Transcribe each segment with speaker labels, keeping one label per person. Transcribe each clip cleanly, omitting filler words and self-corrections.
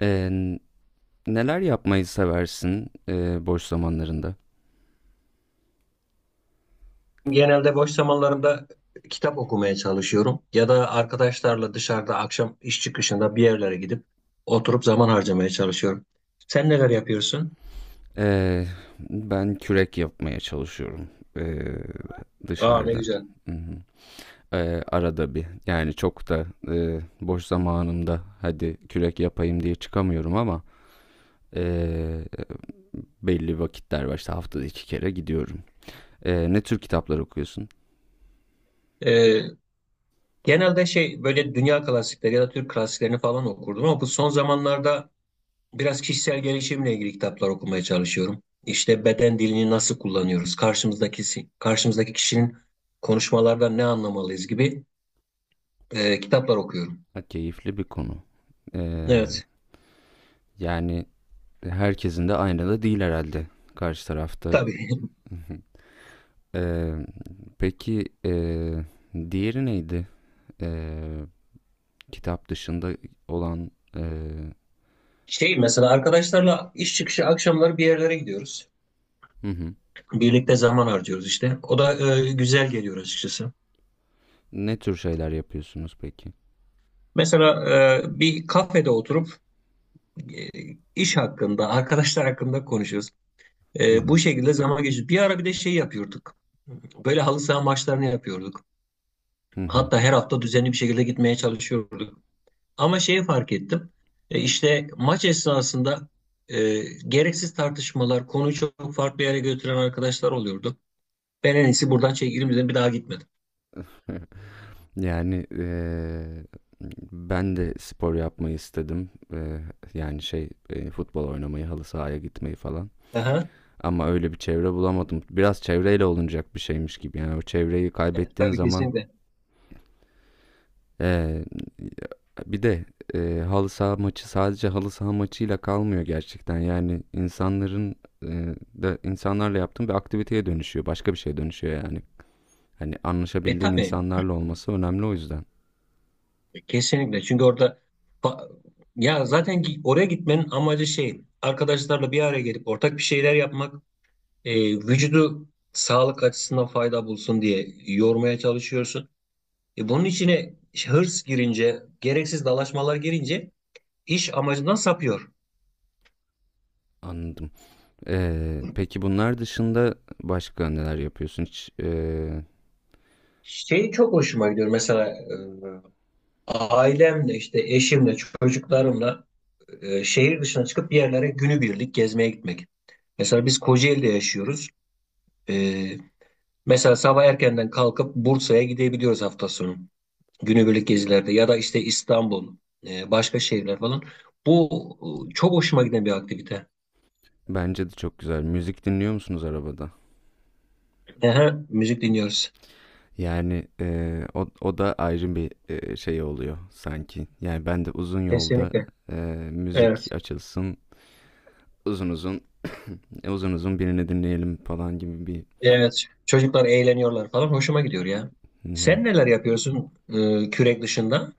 Speaker 1: Ee, neler yapmayı seversin, boş zamanlarında?
Speaker 2: Genelde boş zamanlarımda kitap okumaya çalışıyorum ya da arkadaşlarla dışarıda akşam iş çıkışında bir yerlere gidip oturup zaman harcamaya çalışıyorum. Sen neler yapıyorsun?
Speaker 1: Ee, ben kürek yapmaya çalışıyorum, ee,
Speaker 2: Aa ne
Speaker 1: dışarıda.
Speaker 2: güzel.
Speaker 1: Hı hı. Arada bir, yani çok da boş zamanımda hadi kürek yapayım diye çıkamıyorum, ama e, belli vakitler var, işte haftada 2 kere gidiyorum. Ne tür kitaplar okuyorsun?
Speaker 2: Ee, genelde şey böyle dünya klasikleri ya da Türk klasiklerini falan okurdum ama bu son zamanlarda biraz kişisel gelişimle ilgili kitaplar okumaya çalışıyorum. İşte beden dilini nasıl kullanıyoruz? Karşımızdaki kişinin konuşmalardan ne anlamalıyız gibi kitaplar okuyorum.
Speaker 1: Ha, keyifli bir konu. Ee,
Speaker 2: Evet.
Speaker 1: yani herkesin de aynı da değil herhalde karşı tarafta.
Speaker 2: Tabii.
Speaker 1: Ee, peki, diğeri neydi? Ee, kitap dışında olan, ee,
Speaker 2: Şey mesela arkadaşlarla iş çıkışı akşamları bir yerlere gidiyoruz.
Speaker 1: hı hı.
Speaker 2: Birlikte zaman harcıyoruz işte. O da güzel geliyor açıkçası.
Speaker 1: Ne tür şeyler yapıyorsunuz peki?
Speaker 2: Mesela bir kafede oturup e, iş hakkında, arkadaşlar hakkında konuşuyoruz.
Speaker 1: Hı
Speaker 2: Bu
Speaker 1: hı.
Speaker 2: şekilde zaman geçiyor. Bir ara bir de şey yapıyorduk. Böyle halı saha maçlarını yapıyorduk.
Speaker 1: Hı hı.
Speaker 2: Hatta her hafta düzenli bir şekilde gitmeye çalışıyorduk. Ama şeyi fark ettim. İşte maç esnasında e, gereksiz tartışmalar, konuyu çok farklı yere götüren arkadaşlar oluyordu. Ben en iyisi buradan çekilirim dedim. Bir daha gitmedim.
Speaker 1: Yani, ben de spor yapmayı istedim. Yani şey, futbol oynamayı, halı sahaya gitmeyi falan.
Speaker 2: Aha.
Speaker 1: Ama öyle bir çevre bulamadım. Biraz çevreyle olunacak bir şeymiş gibi. Yani o çevreyi
Speaker 2: Evet,
Speaker 1: kaybettiğin
Speaker 2: tabii
Speaker 1: zaman...
Speaker 2: kesinlikle.
Speaker 1: Ee, bir de halı saha maçı sadece halı saha maçıyla kalmıyor gerçekten. Yani insanların, e, da insanlarla yaptığın bir aktiviteye dönüşüyor. Başka bir şeye dönüşüyor yani. Hani
Speaker 2: E
Speaker 1: anlaşabildiğin
Speaker 2: tabii
Speaker 1: insanlarla olması önemli, o yüzden.
Speaker 2: kesinlikle. Çünkü orada fa- ya zaten ki oraya gitmenin amacı şey arkadaşlarla bir araya gelip ortak bir şeyler yapmak vücudu sağlık açısından fayda bulsun diye yormaya çalışıyorsun. Bunun içine hırs girince gereksiz dalaşmalar girince iş amacından sapıyor.
Speaker 1: Anladım. Peki bunlar dışında başka neler yapıyorsun? Hiç,
Speaker 2: Şey çok hoşuma gidiyor mesela ailemle işte eşimle çocuklarımla şehir dışına çıkıp bir yerlere günübirlik gezmeye gitmek. Mesela biz Kocaeli'de yaşıyoruz. E, mesela sabah erkenden kalkıp Bursa'ya gidebiliyoruz hafta sonu. Günübirlik gezilerde ya da işte İstanbul, başka şehirler falan. Bu çok hoşuma giden bir aktivite.
Speaker 1: bence de çok güzel. Müzik dinliyor musunuz arabada?
Speaker 2: Aha, müzik dinliyoruz.
Speaker 1: Yani o da ayrı bir şey oluyor sanki. Yani ben de uzun yolda
Speaker 2: Kesinlikle.
Speaker 1: müzik
Speaker 2: Evet.
Speaker 1: açılsın, uzun uzun uzun uzun birini dinleyelim falan gibi bir.
Speaker 2: Evet. Çocuklar eğleniyorlar falan. Hoşuma gidiyor ya.
Speaker 1: Hı hı.
Speaker 2: Sen neler yapıyorsun kürek dışında?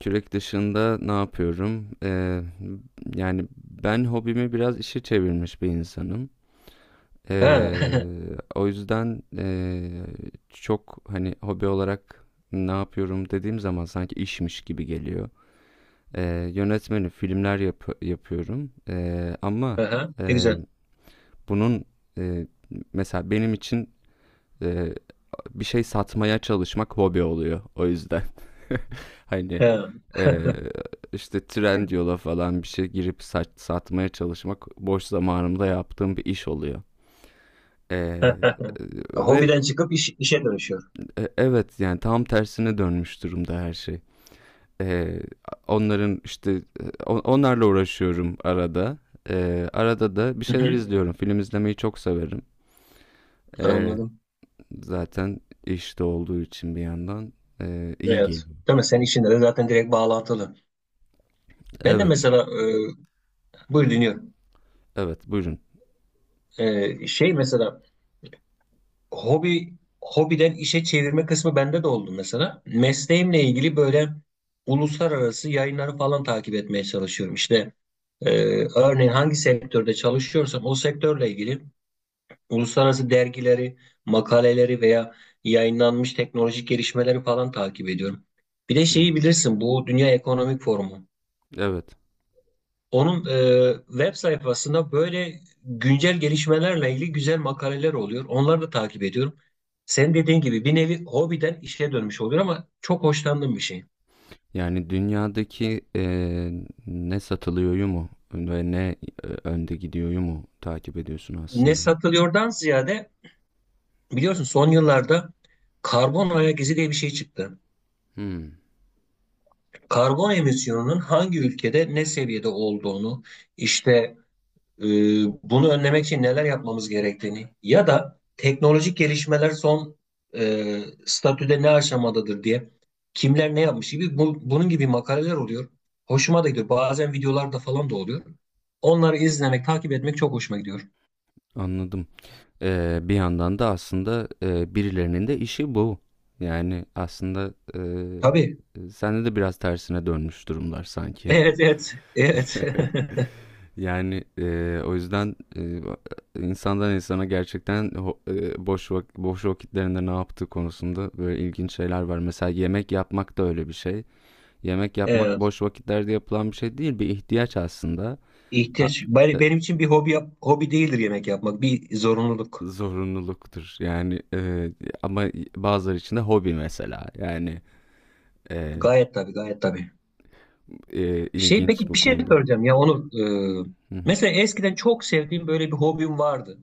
Speaker 1: Kürek dışında ne yapıyorum? Yani ben hobimi biraz işe çevirmiş bir insanım.
Speaker 2: Ha.
Speaker 1: Eee, o yüzden çok hani hobi olarak ne yapıyorum dediğim zaman sanki işmiş gibi geliyor. Yönetmenim, filmler yapıyorum. Ama
Speaker 2: Aha, ne
Speaker 1: e,
Speaker 2: güzel.
Speaker 1: bunun, e, mesela benim için, e, bir şey satmaya çalışmak hobi oluyor. O yüzden hani
Speaker 2: He.
Speaker 1: e, işte Trendyol'a falan bir şey girip satmaya çalışmak boş zamanımda yaptığım bir iş oluyor. Ee,
Speaker 2: Evet.
Speaker 1: e, ve
Speaker 2: Hobiden çıkıp işe dönüşüyor.
Speaker 1: evet, yani tam tersine dönmüş durumda her şey. Ee, onların işte, onlarla uğraşıyorum arada. Arada da bir
Speaker 2: Hı
Speaker 1: şeyler
Speaker 2: hı.
Speaker 1: izliyorum. Film izlemeyi çok severim. Ee,
Speaker 2: Anladım.
Speaker 1: zaten işte olduğu için bir yandan iyi
Speaker 2: Evet.
Speaker 1: geliyor.
Speaker 2: Değil mi? Senin işinde de zaten direkt bağlantılı. Ben de
Speaker 1: Evet,
Speaker 2: mesela buyur dinliyorum.
Speaker 1: evet, buyurun.
Speaker 2: Şey mesela hobi hobiden işe çevirme kısmı bende de oldu mesela. Mesleğimle ilgili böyle uluslararası yayınları falan takip etmeye çalışıyorum. İşte e, örneğin hangi sektörde çalışıyorsam o sektörle ilgili uluslararası dergileri, makaleleri veya yayınlanmış teknolojik gelişmeleri falan takip ediyorum. Bir de
Speaker 1: Hmm.
Speaker 2: şeyi bilirsin bu Dünya Ekonomik Forumu.
Speaker 1: Evet.
Speaker 2: Onun web sayfasında böyle güncel gelişmelerle ilgili güzel makaleler oluyor. Onları da takip ediyorum. Sen dediğin gibi bir nevi hobiden işe dönmüş oluyor ama çok hoşlandığım bir şey.
Speaker 1: Yani dünyadaki, ne satılıyor mu ve ne önde gidiyor mu, takip ediyorsun
Speaker 2: Ne
Speaker 1: aslında.
Speaker 2: satılıyordan ziyade biliyorsun son yıllarda karbon ayak izi diye bir şey çıktı.
Speaker 1: Hmm,
Speaker 2: Karbon emisyonunun hangi ülkede ne seviyede olduğunu, işte e, bunu önlemek için neler yapmamız gerektiğini ya da teknolojik gelişmeler son e, statüde ne aşamadadır diye kimler ne yapmış gibi bunun gibi makaleler oluyor. Hoşuma da gidiyor. Bazen videolarda falan da oluyor. Onları izlemek, takip etmek çok hoşuma gidiyor.
Speaker 1: anladım. Bir yandan da aslında, birilerinin de işi bu. Yani aslında,
Speaker 2: Tabii.
Speaker 1: sende de biraz tersine dönmüş durumlar sanki.
Speaker 2: Evet, evet, evet.
Speaker 1: Yani, o yüzden, insandan insana gerçekten boş vakitlerinde ne yaptığı konusunda böyle ilginç şeyler var. Mesela yemek yapmak da öyle bir şey. Yemek yapmak
Speaker 2: Evet.
Speaker 1: boş vakitlerde yapılan bir şey değil, bir ihtiyaç aslında. A-
Speaker 2: İhtiyaç.
Speaker 1: e,
Speaker 2: Benim için bir hobi hobi değildir yemek yapmak. Bir zorunluluk.
Speaker 1: Zorunluluktur. Yani, ama bazıları için de hobi mesela. Yani. Ee,
Speaker 2: Gayet tabii, gayet tabii. Şey
Speaker 1: ilginç
Speaker 2: peki
Speaker 1: bu
Speaker 2: bir şey
Speaker 1: konuda.
Speaker 2: soracağım ya Onur. Ee,
Speaker 1: Hı hı.
Speaker 2: mesela eskiden çok sevdiğim böyle bir hobim vardı.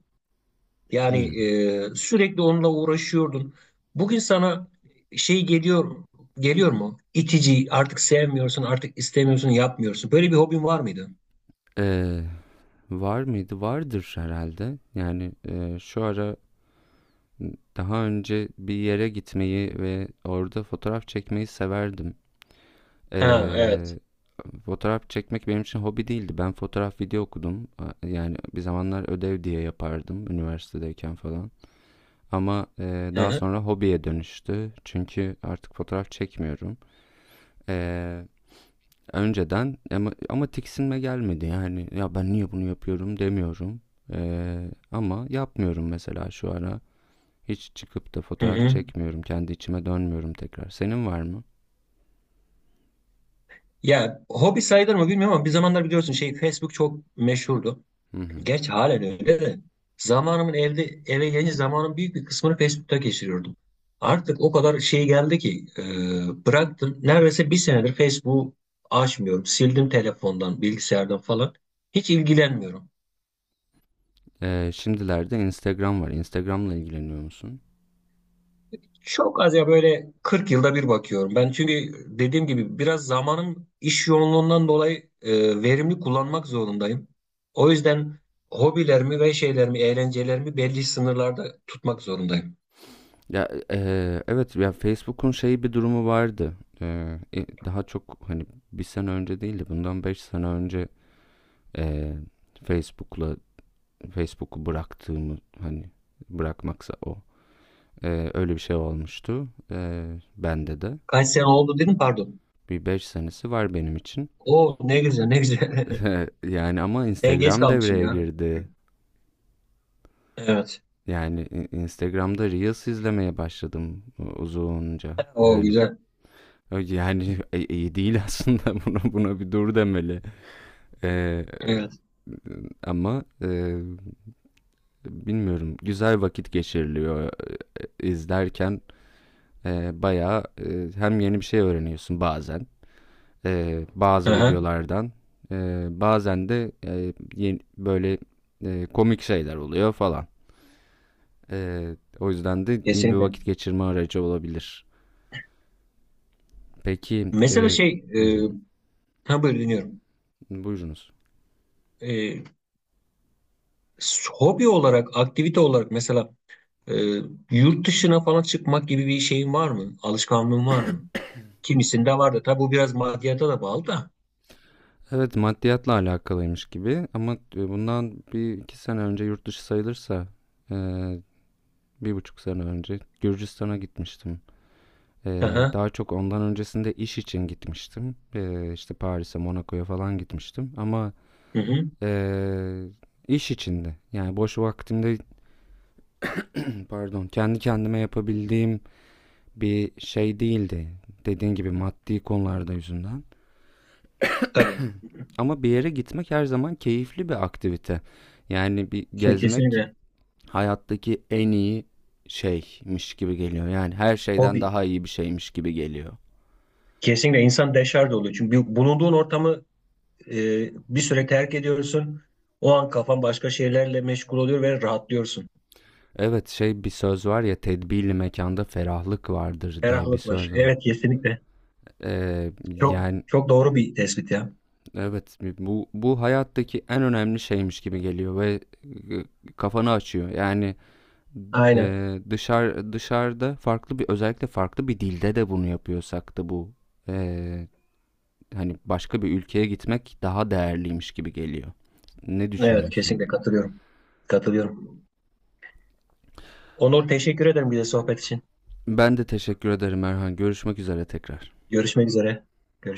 Speaker 1: Hı.
Speaker 2: Yani sürekli onunla uğraşıyordun. Bugün sana şey geliyor mu? İtici, artık sevmiyorsun, artık istemiyorsun, yapmıyorsun. Böyle bir hobin var mıydı?
Speaker 1: Ee, var mıydı? Vardır herhalde. Yani, şu ara daha önce bir yere gitmeyi ve orada fotoğraf çekmeyi severdim.
Speaker 2: Ha, evet.
Speaker 1: Ee, fotoğraf çekmek benim için hobi değildi. Ben fotoğraf video okudum. Yani bir zamanlar ödev diye yapardım üniversitedeyken falan. Ama
Speaker 2: Hı
Speaker 1: daha
Speaker 2: hı.
Speaker 1: sonra hobiye dönüştü. Çünkü artık fotoğraf çekmiyorum. Ee, Önceden ama tiksinme gelmedi, yani ya ben niye bunu yapıyorum demiyorum. Ama yapmıyorum, mesela şu ara hiç çıkıp da
Speaker 2: Hı
Speaker 1: fotoğraf
Speaker 2: hı.
Speaker 1: çekmiyorum, kendi içime dönmüyorum tekrar. Senin var mı?
Speaker 2: Ya hobi sayılır mı bilmiyorum ama bir zamanlar biliyorsun şey Facebook çok meşhurdu.
Speaker 1: Hı hı.
Speaker 2: Gerçi halen öyle de zamanımın evde eve gelince zamanın büyük bir kısmını Facebook'ta geçiriyordum. Artık o kadar şey geldi ki bıraktım. Neredeyse bir senedir Facebook'u açmıyorum. Sildim telefondan, bilgisayardan falan. Hiç ilgilenmiyorum.
Speaker 1: Şimdilerde Instagram var, Instagram'la ilgileniyor musun?
Speaker 2: Çok az ya böyle 40 yılda bir bakıyorum. Ben çünkü dediğim gibi biraz zamanım iş yoğunluğundan dolayı verimli kullanmak zorundayım. O yüzden hobilerimi ve şeylerimi, eğlencelerimi belli sınırlarda tutmak zorundayım.
Speaker 1: Ya, evet, ya Facebook'un şeyi bir durumu vardı. Daha çok hani bir sene önce değil de bundan 5 sene önce, e, Facebook'la Facebook'u bıraktığımı, hani bırakmaksa o, öyle bir şey olmuştu. Bende de.
Speaker 2: Kaç sene oldu dedim pardon.
Speaker 1: Bir 5 senesi var benim için.
Speaker 2: Oo ne güzel ne güzel.
Speaker 1: Yani ama
Speaker 2: Ben geç
Speaker 1: Instagram
Speaker 2: kalmışım
Speaker 1: devreye
Speaker 2: ya.
Speaker 1: girdi.
Speaker 2: Evet.
Speaker 1: Yani Instagram'da Reels izlemeye başladım uzunca.
Speaker 2: O
Speaker 1: Yani,
Speaker 2: güzel.
Speaker 1: yani iyi değil, aslında buna bir dur demeli. Eee,
Speaker 2: Evet.
Speaker 1: ama bilmiyorum, güzel vakit geçiriliyor izlerken, bayağı, hem yeni bir şey öğreniyorsun bazen bazı
Speaker 2: Aha,
Speaker 1: videolardan. Bazen de böyle komik şeyler oluyor falan. E, o yüzden de iyi bir
Speaker 2: kesinlikle.
Speaker 1: vakit geçirme aracı olabilir. Peki.
Speaker 2: Mesela şey
Speaker 1: Hı hı.
Speaker 2: ha böyle dinliyorum.
Speaker 1: Buyurunuz.
Speaker 2: E, hobi olarak, aktivite olarak mesela e, yurt dışına falan çıkmak gibi bir şeyin var mı? Alışkanlığın var mı? Kimisinde var da. Tabii bu biraz maddiyata da bağlı da.
Speaker 1: Evet, maddiyatla alakalıymış gibi, ama bundan bir iki sene önce yurt dışı sayılırsa, e, 1,5 sene önce Gürcistan'a gitmiştim. Ee,
Speaker 2: Aha,
Speaker 1: daha çok ondan öncesinde iş için gitmiştim. İşte Paris'e, Monaco'ya falan gitmiştim. Ama...
Speaker 2: hı hı.
Speaker 1: Ee, iş içinde yani boş vaktimde, pardon, kendi kendime yapabildiğim bir şey değildi. Dediğin gibi maddi konularda yüzünden.
Speaker 2: Tabii.
Speaker 1: Ama bir yere gitmek her zaman keyifli bir aktivite. Yani bir
Speaker 2: Tabii
Speaker 1: gezmek
Speaker 2: kesinlikle.
Speaker 1: hayattaki en iyi şeymiş gibi geliyor. Yani her şeyden
Speaker 2: Hobi.
Speaker 1: daha iyi bir şeymiş gibi geliyor.
Speaker 2: Kesinlikle insan deşarj oluyor. Çünkü bulunduğun ortamı e, bir süre terk ediyorsun. O an kafan başka şeylerle meşgul oluyor ve rahatlıyorsun.
Speaker 1: Evet, şey, bir söz var ya, tedbirli mekanda ferahlık vardır diye bir
Speaker 2: Ferahlık var.
Speaker 1: söz var.
Speaker 2: Evet kesinlikle. Çok
Speaker 1: Yani,
Speaker 2: çok doğru bir tespit ya.
Speaker 1: evet, bu hayattaki en önemli şeymiş gibi geliyor ve kafanı açıyor. Yani,
Speaker 2: Aynen.
Speaker 1: dışarıda, farklı bir, özellikle farklı bir dilde de bunu yapıyorsak, da bu, e, hani başka bir ülkeye gitmek daha değerliymiş gibi geliyor. Ne
Speaker 2: Evet
Speaker 1: düşünüyorsun?
Speaker 2: kesinlikle katılıyorum. Katılıyorum. Onur teşekkür ederim bir de sohbet için.
Speaker 1: Ben de teşekkür ederim Erhan. Görüşmek üzere tekrar.
Speaker 2: Görüşmek üzere. Görüşürüz.